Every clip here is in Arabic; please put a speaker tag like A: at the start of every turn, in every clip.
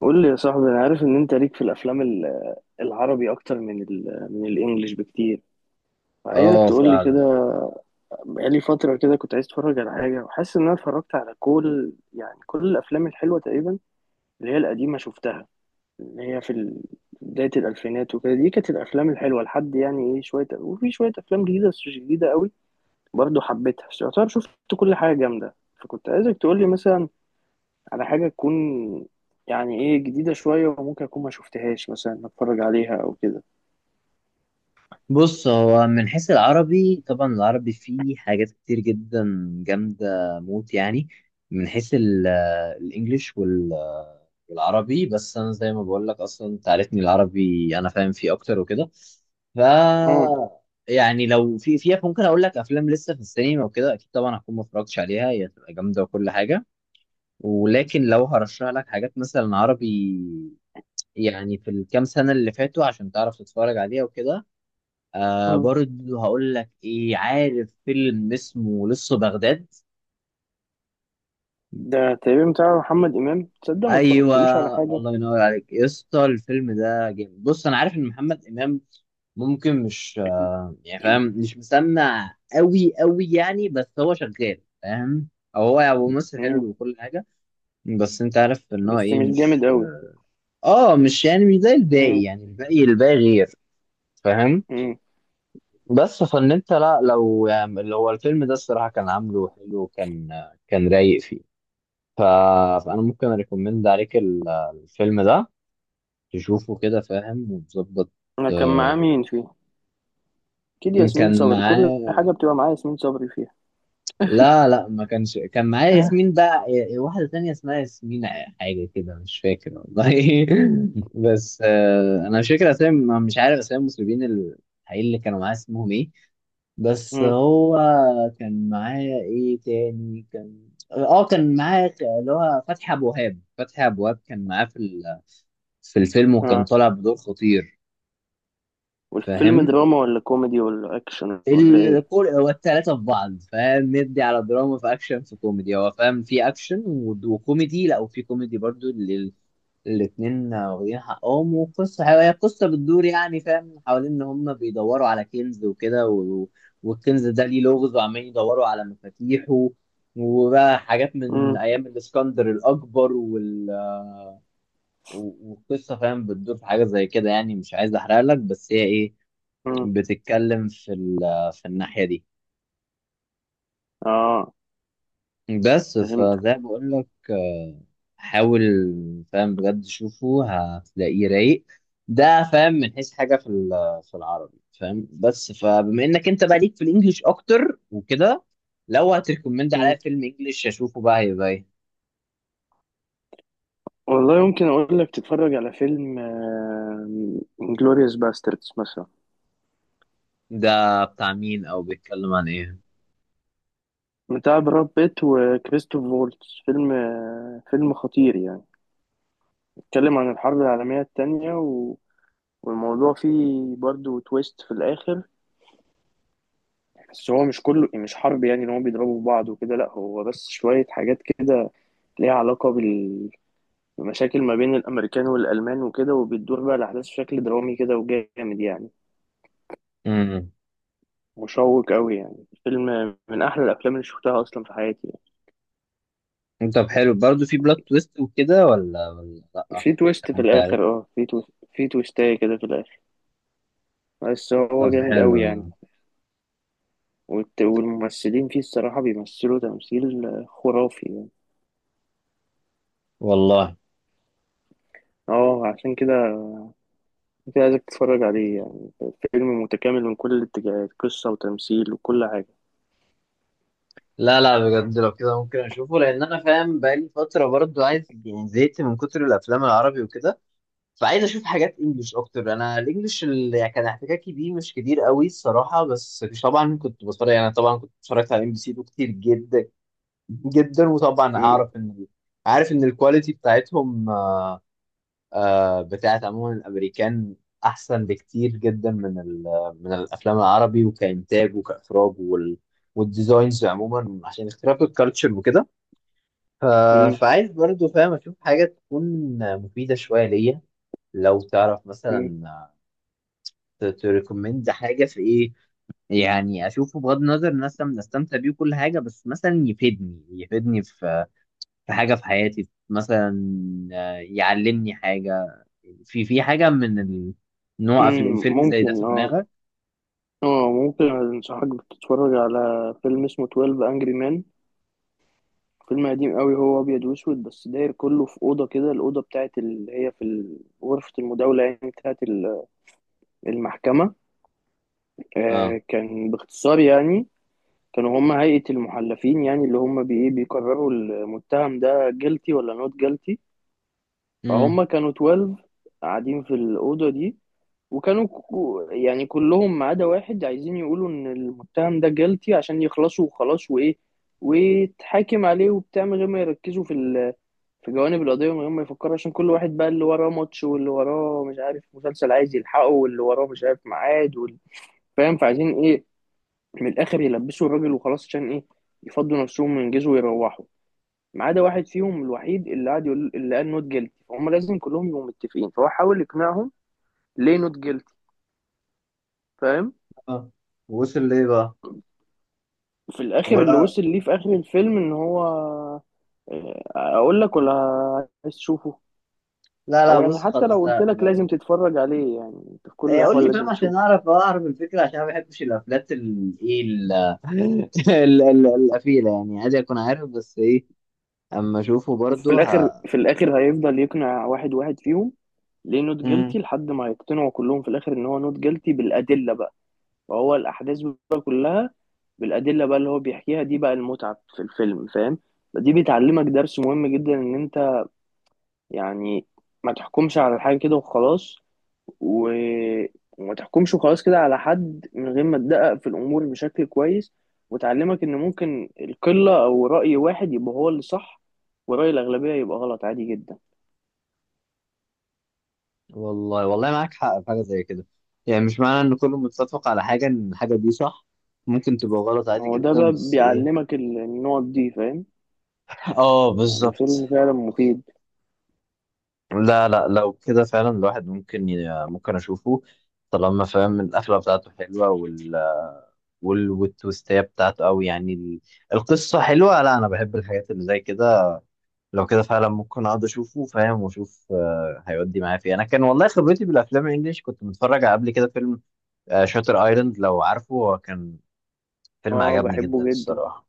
A: قول لي يا صاحبي، انا عارف ان انت ليك في الافلام العربي اكتر من الانجليش بكتير. عايزك
B: اه
A: تقول لي
B: فعلا
A: كده. بقالي فتره كده كنت عايز اتفرج على حاجه وحاسس ان اتفرجت على كل كل الافلام الحلوه تقريبا، اللي هي القديمه شفتها، اللي هي في بدايه الالفينات وكده. دي كانت الافلام الحلوه لحد يعني ايه شويه، وفي شويه افلام جديده بس مش جديده قوي برضه حبيتها، بس يعتبر شفت كل حاجه جامده. فكنت عايزك تقول لي مثلا على حاجة تكون يعني ايه جديدة شوية وممكن أكون ما شفتهاش، مثلا أتفرج عليها أو كده.
B: بص، هو من حيث العربي، طبعا العربي فيه حاجات كتير جدا جامدة موت يعني. من حيث الانجليش والعربي، بس انا زي ما بقول لك، اصلا انت عارفني، العربي انا فاهم فيه اكتر وكده. ف
A: اه،
B: يعني لو في فيها، ممكن اقول لك افلام لسه في السينما وكده، اكيد طبعا هكون ما اتفرجتش عليها، هي هتبقى جامده وكل حاجه. ولكن لو هرشح لك حاجات مثلا عربي يعني في الكام سنه اللي فاتوا، عشان تعرف تتفرج عليها وكده،
A: آه.
B: برضو هقول لك ايه، عارف فيلم اسمه لسه بغداد؟
A: ده تقريبا بتاع محمد إمام، تصدق ما
B: ايوه.
A: اتفرجتلوش على حاجة.
B: الله ينور عليك يا اسطى، الفيلم ده جامد. بص، انا عارف ان محمد امام ممكن مش، يعني فاهم، مش مسمع قوي قوي يعني، بس هو شغال فاهم، او هو يعني ممثل
A: مم.
B: حلو وكل حاجه. بس انت عارف ان هو
A: بس
B: ايه،
A: مش جامد
B: مش،
A: أوي.
B: اه مش يعني مش زي الباقي.
A: مم.
B: يعني الباقي غير فاهم.
A: مم.
B: بس فان انت، لا لو يعني، اللي هو الفيلم ده الصراحه كان عامله حلو، كان رايق فيه. ف... فانا ممكن اريكومند عليك الفيلم ده، تشوفه كده فاهم وتظبط.
A: أنا كان معاه
B: آه،
A: مين فيه؟ أكيد ياسمين
B: كان
A: صبري، كل
B: معاه،
A: حاجة بتبقى معايا ياسمين صبري فيها.
B: لا لا ما كانش كان معاه
A: آه.
B: ياسمين، بقى واحدة تانية اسمها ياسمين حاجة كده، مش فاكر والله بس انا مش فاكر اسامي، مش عارف اسامي المسلمين الحقيقيين اللي كانوا معاه اسمهم ايه. بس
A: مم.
B: هو كان معاه ايه تاني؟ كان، اه كان معاه اللي هو فتحي ابو وهاب. فتحي ابو وهاب كان معاه في في الفيلم، وكان
A: اه،
B: طالع بدور خطير
A: والفيلم
B: فاهم.
A: دراما ولا كوميدي ولا أكشن ولا ايه؟
B: الكل، هو التلاتة في بعض فاهم. ندي على دراما، في أكشن، في كوميدي. هو فاهم، في أكشن وكوميدي، لا وفي كوميدي برضو. الاتنين واخدين حقهم. وقصة هي قصة بتدور، يعني فاهم، حوالين إن هما بيدوروا على كنز وكده، والكنز ده ليه لغز، وعمالين يدوروا على مفاتيحه وبقى حاجات من
A: مم.
B: أيام الإسكندر الأكبر والقصة فاهم بتدور في حاجة زي كده. يعني مش عايز أحرق لك، بس هي إيه،
A: مم.
B: بتتكلم في في الناحية دي.
A: اه،
B: بس
A: فهمتك.
B: فزي ما بقول لك حاول فاهم بجد شوفه، هتلاقيه رايق. ده فاهم من حيث حاجة في في العربي فاهم. بس فبما انك انت بقى ليك في الانجليش اكتر وكده، لو هتريكومند عليا فيلم انجليش اشوفه بقى، هيبقى ايه؟
A: والله يمكن اقول لك تتفرج على فيلم انجلوريوس باستردز مثلا.
B: ده بتاع مين؟ او بيتكلم عن ايه؟
A: بتاع براد بيت وكريستوف فولتز. فيلم فيلم خطير يعني. بيتكلم عن الحرب العالمية التانية والموضوع فيه برضو تويست في الآخر، بس هو مش كله مش حرب، يعني ان هو بيضربوا في بعض وكده، لا هو بس شوية حاجات كده ليها علاقة بمشاكل ما بين الأمريكان والألمان وكده، وبتدور بقى الأحداث بشكل درامي كده وجامد يعني.
B: امم
A: مشوق قوي يعني، فيلم من احلى الافلام اللي شفتها اصلا في حياتي يعني.
B: طب حلو، برضه في بلوت تويست وكده ولا لا؟
A: في
B: مش
A: تويست
B: عارف،
A: في
B: انت عارف.
A: الاخر، اه في تويست في تويستاية كده في الاخر، بس
B: طب
A: هو جامد
B: حلو
A: قوي
B: ده.
A: يعني. والممثلين فيه الصراحة بيمثلوا تمثيل خرافي يعني.
B: والله،
A: اه، عشان كده انت عايزك تتفرج عليه يعني. فيلم متكامل من كل الاتجاهات، قصة وتمثيل وكل حاجة.
B: لا لا بجد لو كده ممكن اشوفه، لان انا فاهم بقالي فتره برضو عايز يعني، زهقت من كتر الافلام العربي وكده، فعايز اشوف حاجات انجليش اكتر. انا الانجليش اللي كان احتكاكي بيه مش كتير قوي الصراحه، بس مش، طبعا كنت بتفرج يعني، طبعا كنت اتفرجت على MBC كتير جدا جدا. وطبعا
A: مم.
B: اعرف ان عارف ان الكواليتي بتاعتهم بتاعت عموما الامريكان احسن بكتير جدا من من الافلام العربي، وكانتاج وكاخراج والديزاينز عموما، عشان اختلاف الكالتشر وكده. ف...
A: مم.
B: فعايز برضو فاهم اشوف حاجه تكون مفيده شويه ليا. لو تعرف
A: مم.
B: مثلا تريكومند حاجه في ايه، يعني اشوفه بغض النظر ان انا استمتع بيه وكل حاجه، بس مثلا يفيدني، يفيدني في في حاجه في حياتي مثلا. يعلمني حاجه في حاجة ان هو قفل
A: مم.
B: الفيلم زي ده في
A: ممكن اه.
B: دماغك.
A: اه ممكن انصحك تتفرج على فيلم اسمه 12 Angry Men. فيلم قديم قوي، هو ابيض واسود، بس داير كله في اوضه كده، الاوضه بتاعت اللي هي في غرفه المداوله يعني بتاعت المحكمه.
B: اه.
A: آه، كان باختصار يعني كانوا هم هيئه المحلفين، يعني اللي هم بي إيه بيقرروا المتهم ده جيلتي ولا نوت جيلتي.
B: امم
A: فهم كانوا 12 قاعدين في الاوضه دي، وكانوا يعني كلهم ما عدا واحد عايزين يقولوا ان المتهم ده جيلتي عشان يخلصوا وخلاص، وايه ويتحاكم عليه وبتاع، من غير ما يركزوا في في جوانب القضيه، من غير ما يفكروا، عشان كل واحد بقى اللي وراه ماتش واللي وراه مش عارف مسلسل عايز يلحقه واللي وراه مش عارف ميعاد فاهم، فعايزين ايه، من الاخر يلبسوا الراجل وخلاص، عشان ايه يفضوا نفسهم وينجزوا ويروحوا. ما عدا واحد فيهم الوحيد اللي قعد يقول، اللي قال نوت جيلتي، فهم لازم كلهم يبقوا متفقين، فهو حاول يقنعهم ليه نوت جيلتي، فاهم.
B: اه، وصل ليه بقى؟
A: في الاخر اللي
B: ولا،
A: وصل ليه في اخر الفيلم ان هو آه، اقول لك ولا عايز تشوفه؟
B: لا لا
A: او يعني
B: بص
A: حتى لو
B: خلاص،
A: قلت
B: لا
A: لك لازم
B: لو،
A: تتفرج عليه يعني، انت في كل
B: إيه قول
A: الاحوال
B: لي فاهم
A: لازم
B: عشان
A: تشوفه.
B: اعرف، الفكره، عشان أنا ما بحبش الافلات، ال ايه، ال القفيله، يعني عادي اكون عارف، بس ايه، اما اشوفه
A: وفي
B: برضه.
A: الاخر، في الاخر هيفضل يقنع واحد واحد فيهم ليه نوت
B: مم.
A: جيلتي، لحد ما يقتنعوا كلهم في الاخر ان هو نوت جيلتي بالادله بقى. وهو الاحداث بقى كلها بالادله بقى اللي هو بيحكيها، دي بقى المتعه في الفيلم، فاهم. دي بتعلمك درس مهم جدا، ان انت يعني ما تحكمش على الحاجه كده وخلاص، و... وما تحكمش وخلاص كده على حد من غير ما تدقق في الأمور بشكل كويس. وتعلمك إن ممكن القلة أو رأي واحد يبقى هو اللي صح، ورأي الأغلبية يبقى غلط عادي جدا.
B: والله والله معاك حق في حاجه زي كده. يعني مش معنى ان كله متفق على حاجه، ان الحاجه دي صح. ممكن تبقى غلط عادي
A: هو ده
B: جدا،
A: بقى
B: بس ايه،
A: بيعلمك النقط دي، فاهم.
B: اه
A: يعني
B: بالظبط.
A: فيلم فعلا مفيد.
B: لا لا لو كده فعلا الواحد ممكن اشوفه، طالما فاهم القفله بتاعته حلوه والتويستيه بتاعته، او يعني القصه حلوه. لا انا بحب الحاجات اللي زي كده، لو كده فعلا ممكن اقعد اشوفه فاهم، واشوف هيودي معايا فيه. انا كان والله خبرتي بالافلام الانجليش، كنت متفرج على قبل كده فيلم شاتر ايلاند، لو عارفه. هو كان فيلم
A: اه
B: عجبني جدا
A: بحبه جدا،
B: الصراحه،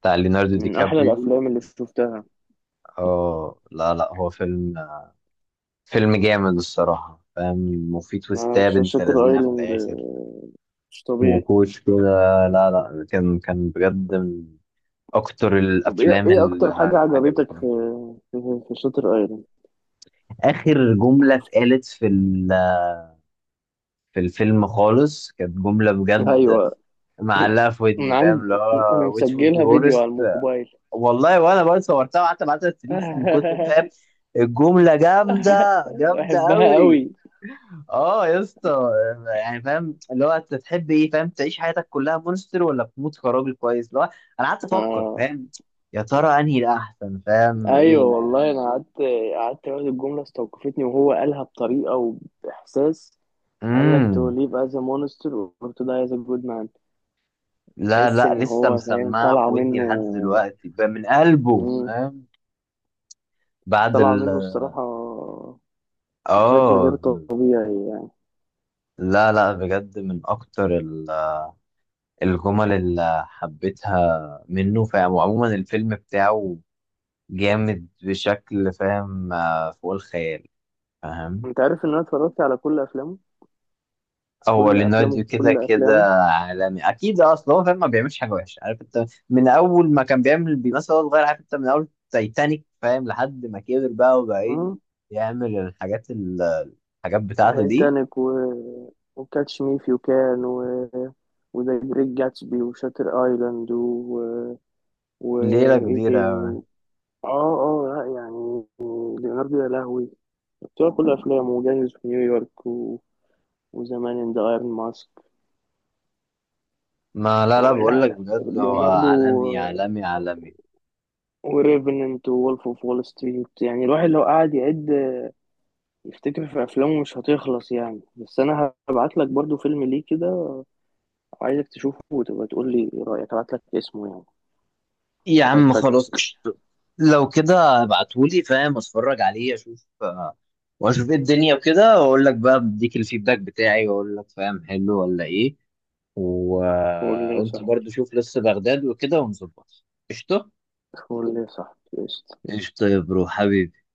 B: بتاع ليوناردو دي
A: من أحلى
B: كابريو.
A: الأفلام اللي شفتها.
B: اه لا لا هو فيلم، جامد الصراحة فاهم، وفي
A: آه،
B: تويستات بنت
A: شاتر
B: لذينة في
A: أيلاند،
B: الآخر
A: آه، مش طبيعي.
B: وكوش كده. لا لا كان بجد من أكتر
A: طب ايه،
B: الأفلام
A: ايه اكتر حاجة
B: اللي
A: عجبتك في
B: عجبتني.
A: في شاتر ايلاند؟
B: آخر جملة اتقالت في في الفيلم خالص، كانت جملة بجد
A: ايوه.
B: معلقة في ودني
A: انا
B: فاهم،
A: عند،
B: اللي
A: انا
B: هو which would be
A: مسجلها فيديو على
B: worst.
A: الموبايل.
B: والله وأنا برضه صورتها وقعدت أبعتها ستريكس من كتر فاهم، الجملة جامدة، جامدة
A: بحبها
B: أوي.
A: قوي.
B: اه يا اسطى، يعني فاهم اللي هو، انت تحب ايه فاهم، تعيش حياتك كلها مونستر ولا تموت كراجل كويس، اللي هو، انا قعدت افكر
A: آه.
B: فاهم، يا ترى انهي الاحسن، فاهم ايه
A: ايوه والله، انا قعدت قعدت اقول الجمله استوقفتني، وهو قالها بطريقه وباحساس. قال لك
B: امم
A: to live as a monster or to die as a good man.
B: لا
A: تحس
B: لا
A: ان
B: لسه
A: هو فاهم
B: مسمعها في
A: طالعه
B: ودني
A: منه.
B: لحد دلوقتي، من قلبه
A: مم.
B: فاهم، بعد
A: طالعه
B: ال
A: منه الصراحه، بشكل غير
B: اه
A: طبيعي يعني.
B: لا لا بجد من اكتر الجمل اللي حبيتها منه فاهم. وعموما الفيلم بتاعه جامد بشكل فاهم، فوق الخيال فاهم.
A: انت عارف ان انا اتفرجت على كل افلامه.
B: هو
A: كل افلامه
B: ليوناردو كده
A: كل
B: كده
A: افلامه
B: عالمي، اكيد اصلا هو فاهم ما بيعملش حاجه وحشه، عارف انت. من اول ما كان بيمثل وهو صغير، عارف انت، من اول تايتانيك فاهم، لحد ما كبر بقى وبقى ايه، يعمل الحاجات الحاجات بتاعته دي،
A: تايتانيك وكاتش مي فيو كان وذا جريت جاتسبي وشاتر ايلاند
B: ليله
A: وايه
B: كبيره.
A: تاني؟ اه اه لا يعني، ليوناردو يا لهوي، بتوع كل افلامه. وجاهز في نيويورك وزمان ان ذا ايرون ماسك.
B: ما لا لا بقول
A: لا
B: لك
A: لا،
B: بجد هو
A: ليوناردو
B: عالمي عالمي عالمي.
A: وريفننت وولف اوف وول ستريت، يعني الواحد لو قعد يعد يفتكر في افلامه مش هتخلص يعني. بس انا هبعت لك برضو فيلم ليه كده، وعايزك تشوفه وتبقى تقول لي إيه رأيك. أبعت لك اسمه يعني.
B: يا عم خلاص
A: هيفاجئك.
B: قشطة. لو كده ابعتهولي فاهم، اتفرج عليه اشوف واشوف ايه الدنيا وكده، واقول لك بقى بديك الفيدباك بتاعي، واقول لك فاهم حلو ولا ايه، و...
A: قول لي يا
B: وانت
A: صاحبي،
B: برضو شوف لسه بغداد وكده ونظبط. قشطه.
A: قول لي صح
B: ايش طيب برو حبيبي.